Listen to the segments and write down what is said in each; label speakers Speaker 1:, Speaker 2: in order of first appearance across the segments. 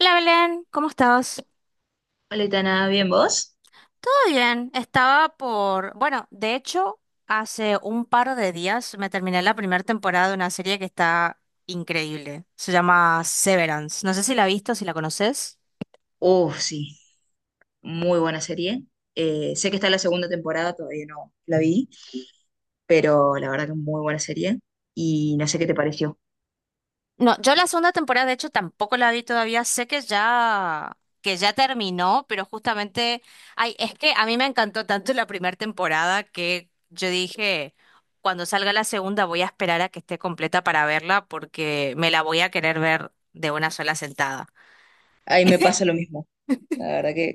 Speaker 1: Hola Belén, ¿cómo estás?
Speaker 2: Hola, nada, ¿bien vos?
Speaker 1: Todo bien, estaba por... Bueno, de hecho, hace un par de días me terminé la primera temporada de una serie que está increíble. Se llama Severance. No sé si la has visto, si la conoces.
Speaker 2: Oh, sí, muy buena serie. Sé que está la segunda temporada, todavía no la vi, pero la verdad que muy buena serie. Y no sé qué te pareció.
Speaker 1: No, yo la segunda temporada, de hecho, tampoco la vi todavía. Sé que ya terminó, pero justamente, ay, es que a mí me encantó tanto la primera temporada que yo dije, cuando salga la segunda voy a esperar a que esté completa para verla porque me la voy a querer ver de una sola sentada.
Speaker 2: Ahí me pasa lo mismo. La verdad que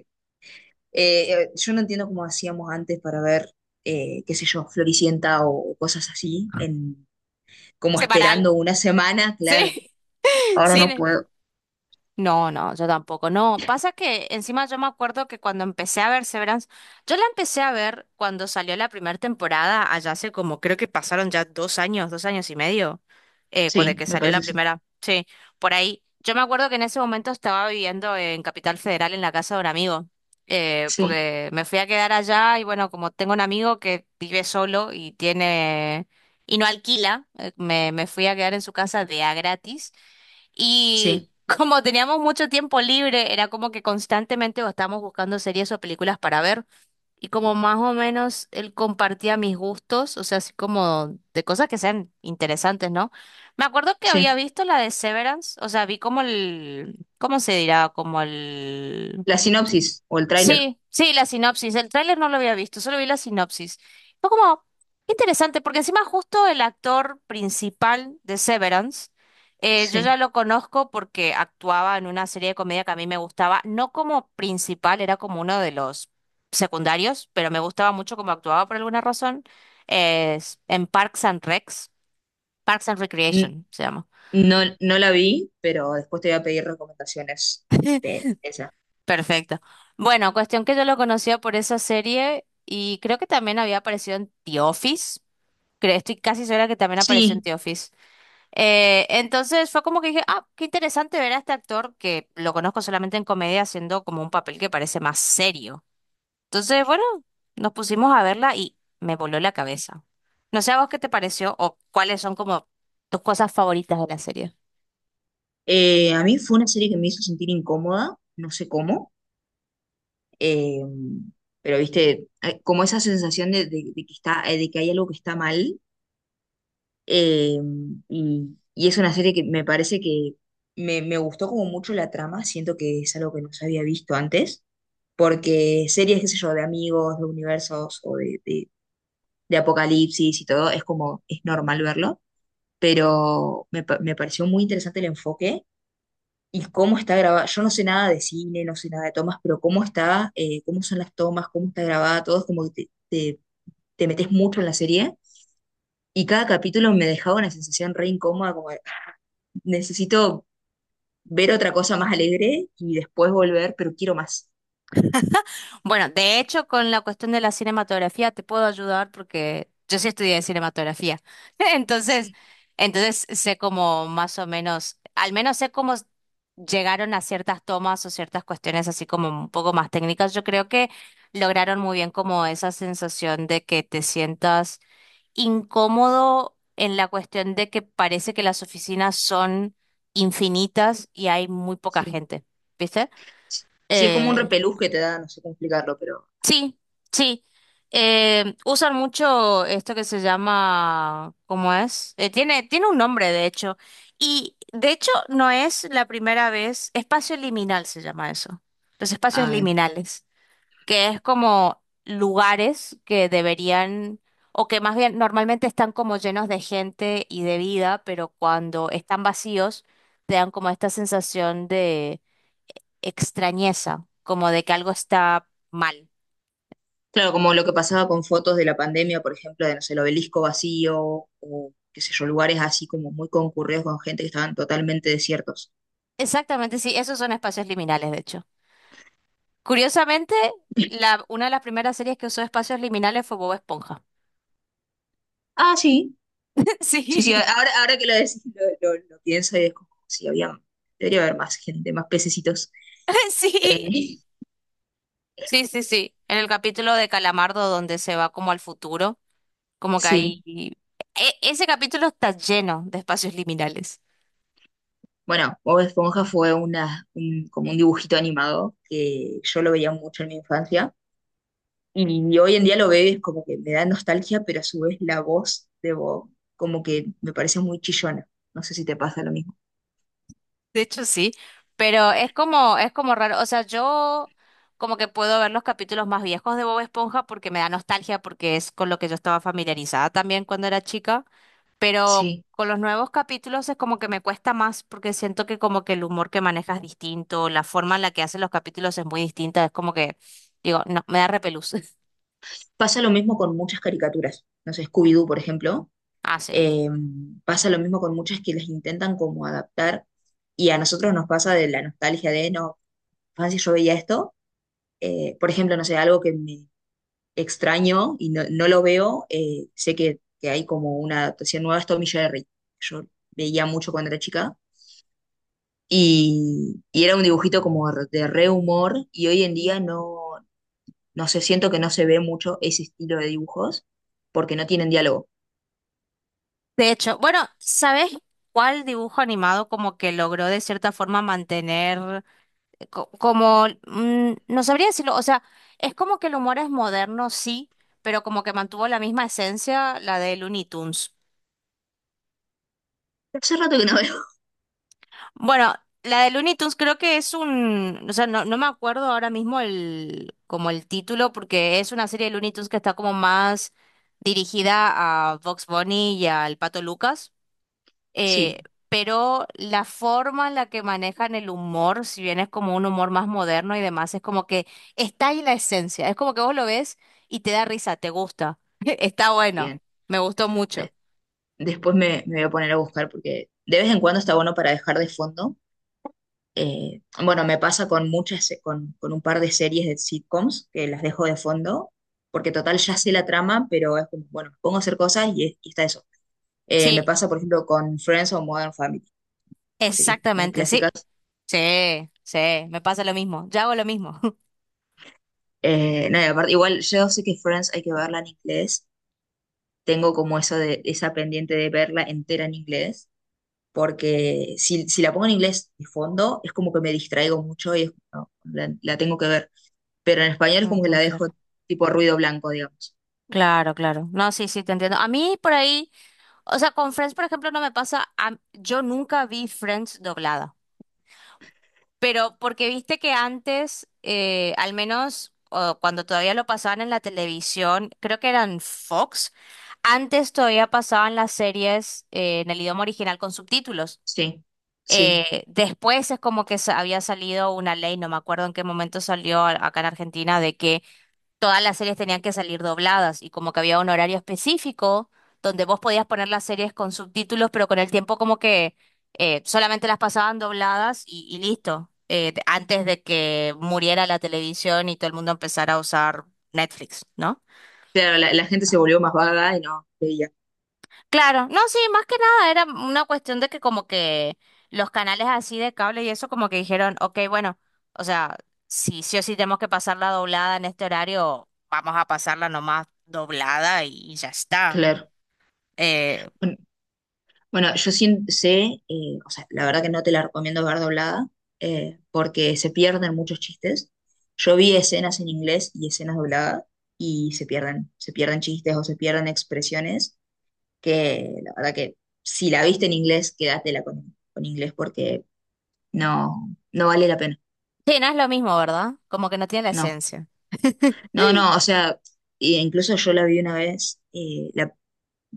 Speaker 2: yo no entiendo cómo hacíamos antes para ver, qué sé yo, Floricienta o cosas así, en, como
Speaker 1: Semanal.
Speaker 2: esperando una semana, claro.
Speaker 1: Sí,
Speaker 2: Ahora
Speaker 1: sí.
Speaker 2: no puedo.
Speaker 1: No, no, yo tampoco. No, pasa que encima yo me acuerdo que cuando empecé a ver Severance, yo la empecé a ver cuando salió la primera temporada, allá hace como creo que pasaron ya dos años y medio, de
Speaker 2: Sí,
Speaker 1: que
Speaker 2: me
Speaker 1: salió
Speaker 2: parece
Speaker 1: la
Speaker 2: que sí.
Speaker 1: primera. Sí, por ahí. Yo me acuerdo que en ese momento estaba viviendo en Capital Federal en la casa de un amigo,
Speaker 2: Sí,
Speaker 1: porque me fui a quedar allá y bueno, como tengo un amigo que vive solo y tiene y no alquila, me fui a quedar en su casa de a gratis. Y
Speaker 2: sí,
Speaker 1: como teníamos mucho tiempo libre, era como que constantemente estábamos buscando series o películas para ver. Y como más o menos él compartía mis gustos, o sea, así como de cosas que sean interesantes, ¿no? Me acuerdo que había
Speaker 2: sí.
Speaker 1: visto la de Severance, o sea, vi como el, ¿cómo se dirá? Como el...
Speaker 2: La sinopsis o el tráiler.
Speaker 1: Sí, sí, la sinopsis. El tráiler no lo había visto, solo vi la sinopsis. Fue como qué interesante, porque encima justo el actor principal de Severance, yo
Speaker 2: Sí.
Speaker 1: ya lo conozco porque actuaba en una serie de comedia que a mí me gustaba, no como principal, era como uno de los secundarios, pero me gustaba mucho cómo actuaba por alguna razón, es en Parks and Recs, Parks and Recreation se llama.
Speaker 2: No, no la vi, pero después te voy a pedir recomendaciones de esa.
Speaker 1: Perfecto. Bueno, cuestión que yo lo conocía por esa serie y creo que también había aparecido en The Office. Creo, estoy casi segura que también apareció en
Speaker 2: Sí,
Speaker 1: The Office. Entonces fue como que dije, ah, qué interesante ver a este actor que lo conozco solamente en comedia haciendo como un papel que parece más serio. Entonces, bueno, nos pusimos a verla y me voló la cabeza. No sé a vos qué te pareció o cuáles son como tus cosas favoritas de la serie.
Speaker 2: a mí fue una serie que me hizo sentir incómoda, no sé cómo, eh, pero viste, como esa sensación de que está, de que hay algo que está mal, eh, y es una serie que me parece que me gustó como mucho la trama. Siento que es algo que no se había visto antes, porque series, qué sé yo, de amigos, de universos o de de apocalipsis y todo, es como, es normal verlo, pero me pareció muy interesante el enfoque y cómo está grabada. Yo no sé nada de cine, no sé nada de tomas, pero cómo está, cómo son las tomas, cómo está grabada, todo es como que te, te metes mucho en la serie, y cada capítulo me dejaba una sensación re incómoda, como de, "Ah, necesito ver otra cosa más alegre y después volver, pero quiero más."
Speaker 1: Bueno, de hecho, con la cuestión de la cinematografía te puedo ayudar porque yo sí estudié cinematografía. Entonces,
Speaker 2: Sí,
Speaker 1: entonces sé como más o menos, al menos sé cómo s- llegaron a ciertas tomas o ciertas cuestiones así como un poco más técnicas. Yo creo que lograron muy bien como esa sensación de que te sientas incómodo en la cuestión de que parece que las oficinas son infinitas y hay muy poca
Speaker 2: sí.
Speaker 1: gente, ¿viste?
Speaker 2: Sí, es como un
Speaker 1: Eh,
Speaker 2: repelús que te da, no sé cómo explicarlo, pero...
Speaker 1: Sí, sí. Usan mucho esto que se llama, ¿cómo es? Tiene, tiene un nombre, de hecho. Y de hecho no es la primera vez, espacio liminal se llama eso. Los espacios liminales, que es como lugares que deberían, o que más bien normalmente están como llenos de gente y de vida, pero cuando están vacíos, te dan como esta sensación de extrañeza, como de que algo está mal.
Speaker 2: Claro, como lo que pasaba con fotos de la pandemia, por ejemplo, de, no sé, el obelisco vacío o qué sé yo, lugares así como muy concurridos con gente que estaban totalmente desiertos.
Speaker 1: Exactamente, sí, esos son espacios liminales, de hecho. Curiosamente, la, una de las primeras series que usó espacios liminales fue Bob Esponja.
Speaker 2: Ah, sí, sí, sí,
Speaker 1: Sí,
Speaker 2: ahora que lo decís, lo pienso y es como, sí, había, debería haber más gente, más pececitos. Eh,
Speaker 1: sí, sí, sí, sí. En el capítulo de Calamardo donde se va como al futuro, como que ahí...
Speaker 2: sí,
Speaker 1: ese capítulo está lleno de espacios liminales.
Speaker 2: bueno, Bob Esponja fue como un dibujito animado que yo lo veía mucho en mi infancia. Y hoy en día lo ves como que me da nostalgia, pero a su vez la voz de Bob como que me parece muy chillona. No sé si te pasa lo mismo.
Speaker 1: De hecho, sí, pero es como raro. O sea, yo como que puedo ver los capítulos más viejos de Bob Esponja porque me da nostalgia, porque es con lo que yo estaba familiarizada también cuando era chica. Pero
Speaker 2: Sí.
Speaker 1: con los nuevos capítulos es como que me cuesta más porque siento que como que el humor que manejas es distinto, la forma en la que hacen los capítulos es muy distinta, es como que, digo, no, me da repelús.
Speaker 2: Pasa lo mismo con muchas caricaturas. No sé, Scooby-Doo, por ejemplo.
Speaker 1: Ah, sí.
Speaker 2: eh, Pasa lo mismo con muchas que las intentan como adaptar. Y a nosotros nos pasa de la nostalgia de, no, si yo veía esto. Por ejemplo, no sé, algo que me extraño y no, no lo veo. Sé que hay como una adaptación nueva, es Tom y Jerry. Yo veía mucho cuando era chica. Y era un dibujito como de re humor y hoy en día no, no sé, siento que no se ve mucho ese estilo de dibujos porque no tienen diálogo.
Speaker 1: De hecho, bueno, ¿sabes cuál dibujo animado como que logró de cierta forma mantener no sabría decirlo, o sea, es como que el humor es moderno, sí, pero como que mantuvo la misma esencia, la de Looney Tunes.
Speaker 2: Hace rato que no veo.
Speaker 1: Bueno, la de Looney Tunes creo que es un, o sea, no, no me acuerdo ahora mismo el, como el título, porque es una serie de Looney Tunes que está como más dirigida a Vox Bunny y al Pato Lucas, eh,
Speaker 2: Sí,
Speaker 1: pero la forma en la que manejan el humor, si bien es como un humor más moderno y demás, es como que está ahí la esencia, es como que vos lo ves y te da risa, te gusta, está bueno,
Speaker 2: bien.
Speaker 1: me gustó mucho.
Speaker 2: De- Después me voy a poner a buscar porque de vez en cuando está bueno para dejar de fondo. Bueno, me pasa con con un par de series de sitcoms que las dejo de fondo porque total ya sé la trama, pero es como, bueno, me pongo a hacer cosas y está eso. Me
Speaker 1: Sí,
Speaker 2: pasa, por ejemplo, con Friends o Modern Family, series muy
Speaker 1: exactamente, sí.
Speaker 2: clásicas.
Speaker 1: Sí, sí, me pasa lo mismo, yo hago lo mismo.
Speaker 2: No, y aparte, igual yo sé que Friends hay que verla en inglés. Tengo como eso de esa pendiente de verla entera en inglés, porque si la pongo en inglés de fondo, es como que me distraigo mucho no, la tengo que ver. Pero en español es como que
Speaker 1: Ujú,
Speaker 2: la dejo
Speaker 1: claro,
Speaker 2: tipo ruido blanco, digamos.
Speaker 1: claro, claro. No, sí, sí, te entiendo. A mí por ahí, o sea, con Friends, por ejemplo, no me pasa, yo nunca vi Friends doblada, pero porque viste que antes, al menos o cuando todavía lo pasaban en la televisión, creo que eran Fox, antes todavía pasaban las series en el idioma original con subtítulos.
Speaker 2: Sí, sí.
Speaker 1: Después es como que había salido una ley, no me acuerdo en qué momento salió acá en Argentina, de que todas las series tenían que salir dobladas y como que había un horario específico donde vos podías poner las series con subtítulos, pero con el tiempo como que solamente las pasaban dobladas y listo, antes de que muriera la televisión y todo el mundo empezara a usar Netflix, ¿no?
Speaker 2: Claro, la gente se volvió más vaga y no veía.
Speaker 1: Claro, no, sí, más que nada era una cuestión de que como que los canales así de cable y eso como que dijeron, ok, bueno, o sea, si sí o sí tenemos que pasar la doblada en este horario, vamos a pasarla nomás doblada y ya está.
Speaker 2: Claro.
Speaker 1: Eh,
Speaker 2: Bueno, yo sí sé, o sea, la verdad que no te la recomiendo ver doblada, porque se pierden muchos chistes. Yo vi escenas en inglés y escenas dobladas y se pierden chistes o se pierden expresiones, que la verdad que si la viste en inglés, quédatela con inglés porque no, no vale la pena.
Speaker 1: sí, no es lo mismo, ¿verdad? Como que no tiene la
Speaker 2: No,
Speaker 1: esencia.
Speaker 2: no, no, o sea, e incluso yo la vi una vez,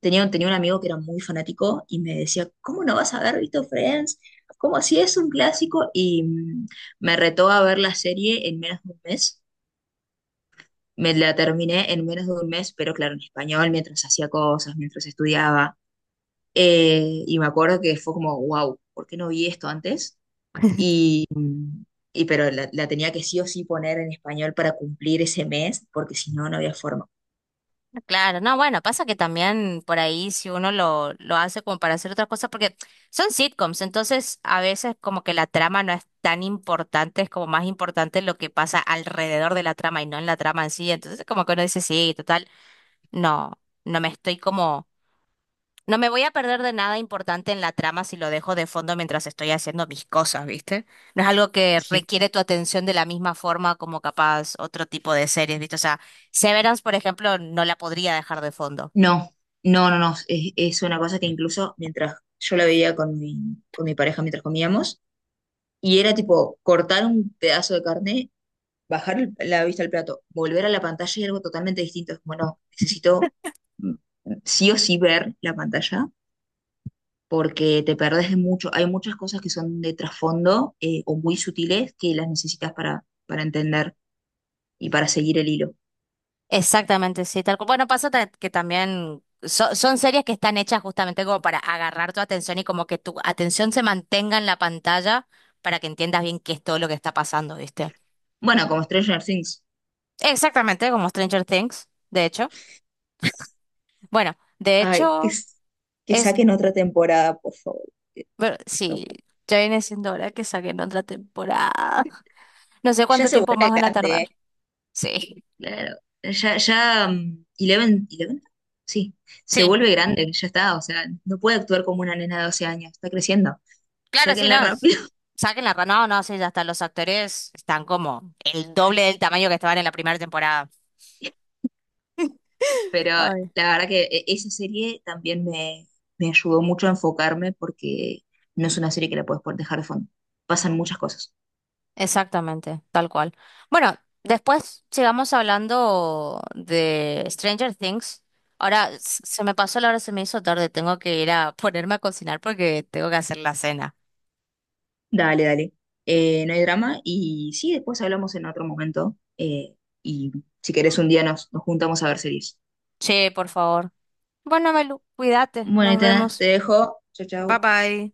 Speaker 2: tenía, tenía un amigo que era muy fanático y me decía, "¿Cómo no vas a haber visto Friends? ¿Cómo así? Es un clásico." Y mm, me retó a ver la serie en menos de un mes. Me la terminé en menos de un mes, pero claro, en español, mientras hacía cosas, mientras estudiaba. Y me acuerdo que fue como, wow, ¿por qué no vi esto antes? Y, y pero la tenía que sí o sí poner en español para cumplir ese mes, porque si no, no había forma.
Speaker 1: Claro, no, bueno, pasa que también por ahí si uno lo hace como para hacer otras cosas, porque son sitcoms, entonces a veces como que la trama no es tan importante, es como más importante lo que pasa alrededor de la trama y no en la trama en sí, entonces como que uno dice, sí, total, no, no me estoy como, no me voy a perder de nada importante en la trama si lo dejo de fondo mientras estoy haciendo mis cosas, ¿viste? No es algo que requiere tu atención de la misma forma como capaz otro tipo de series, ¿viste? O sea, Severance, por ejemplo, no la podría dejar de fondo.
Speaker 2: No, no, no, no. Es una cosa que incluso mientras yo la veía con mi pareja mientras comíamos, y era tipo cortar un pedazo de carne, bajar la vista al plato, volver a la pantalla y algo totalmente distinto. Es como, no, necesito mm, sí o sí ver la pantalla porque te perdés de mucho. Hay muchas cosas que son de trasfondo, o muy sutiles, que las necesitas para entender y para seguir el hilo.
Speaker 1: Exactamente, sí, tal cual. Bueno, pasa que también son series que están hechas justamente como para agarrar tu atención y como que tu atención se mantenga en la pantalla para que entiendas bien qué es todo lo que está pasando, ¿viste?
Speaker 2: Bueno, como Stranger Things.
Speaker 1: Exactamente, como Stranger Things, de hecho. Bueno, de
Speaker 2: Ay,
Speaker 1: hecho,
Speaker 2: que
Speaker 1: es,
Speaker 2: saquen otra temporada, por favor. No,
Speaker 1: sí, ya viene siendo hora que saquen otra temporada. No sé
Speaker 2: ya
Speaker 1: cuánto
Speaker 2: se
Speaker 1: tiempo más
Speaker 2: vuelve
Speaker 1: van a
Speaker 2: grande, ¿eh?
Speaker 1: tardar. Sí.
Speaker 2: Claro. Ya, ya, mm, Eleven, Eleven, sí, se
Speaker 1: Sí.
Speaker 2: vuelve grande, ya está, o sea, no puede actuar como una nena de 12 años, está creciendo,
Speaker 1: Claro, sí,
Speaker 2: sáquenla
Speaker 1: no.
Speaker 2: rápido.
Speaker 1: Saquen la... No, no, sí, ya está. Los actores están como el doble del tamaño que estaban en la primera temporada.
Speaker 2: Pero la
Speaker 1: Ay.
Speaker 2: verdad que esa serie también me ayudó mucho a enfocarme porque no es una serie que la puedes dejar de fondo. Pasan muchas cosas.
Speaker 1: Exactamente, tal cual. Bueno, después sigamos hablando de Stranger Things. Ahora se me pasó la hora, se me hizo tarde. Tengo que ir a ponerme a cocinar porque tengo que hacer la cena.
Speaker 2: Dale, dale. No hay drama y sí, después hablamos en otro momento, y si querés un día nos juntamos a ver series.
Speaker 1: Che, por favor. Bueno, Melu, cuídate.
Speaker 2: Bueno,
Speaker 1: Nos
Speaker 2: Itana, te
Speaker 1: vemos.
Speaker 2: dejo. Chau,
Speaker 1: Bye
Speaker 2: chau.
Speaker 1: bye.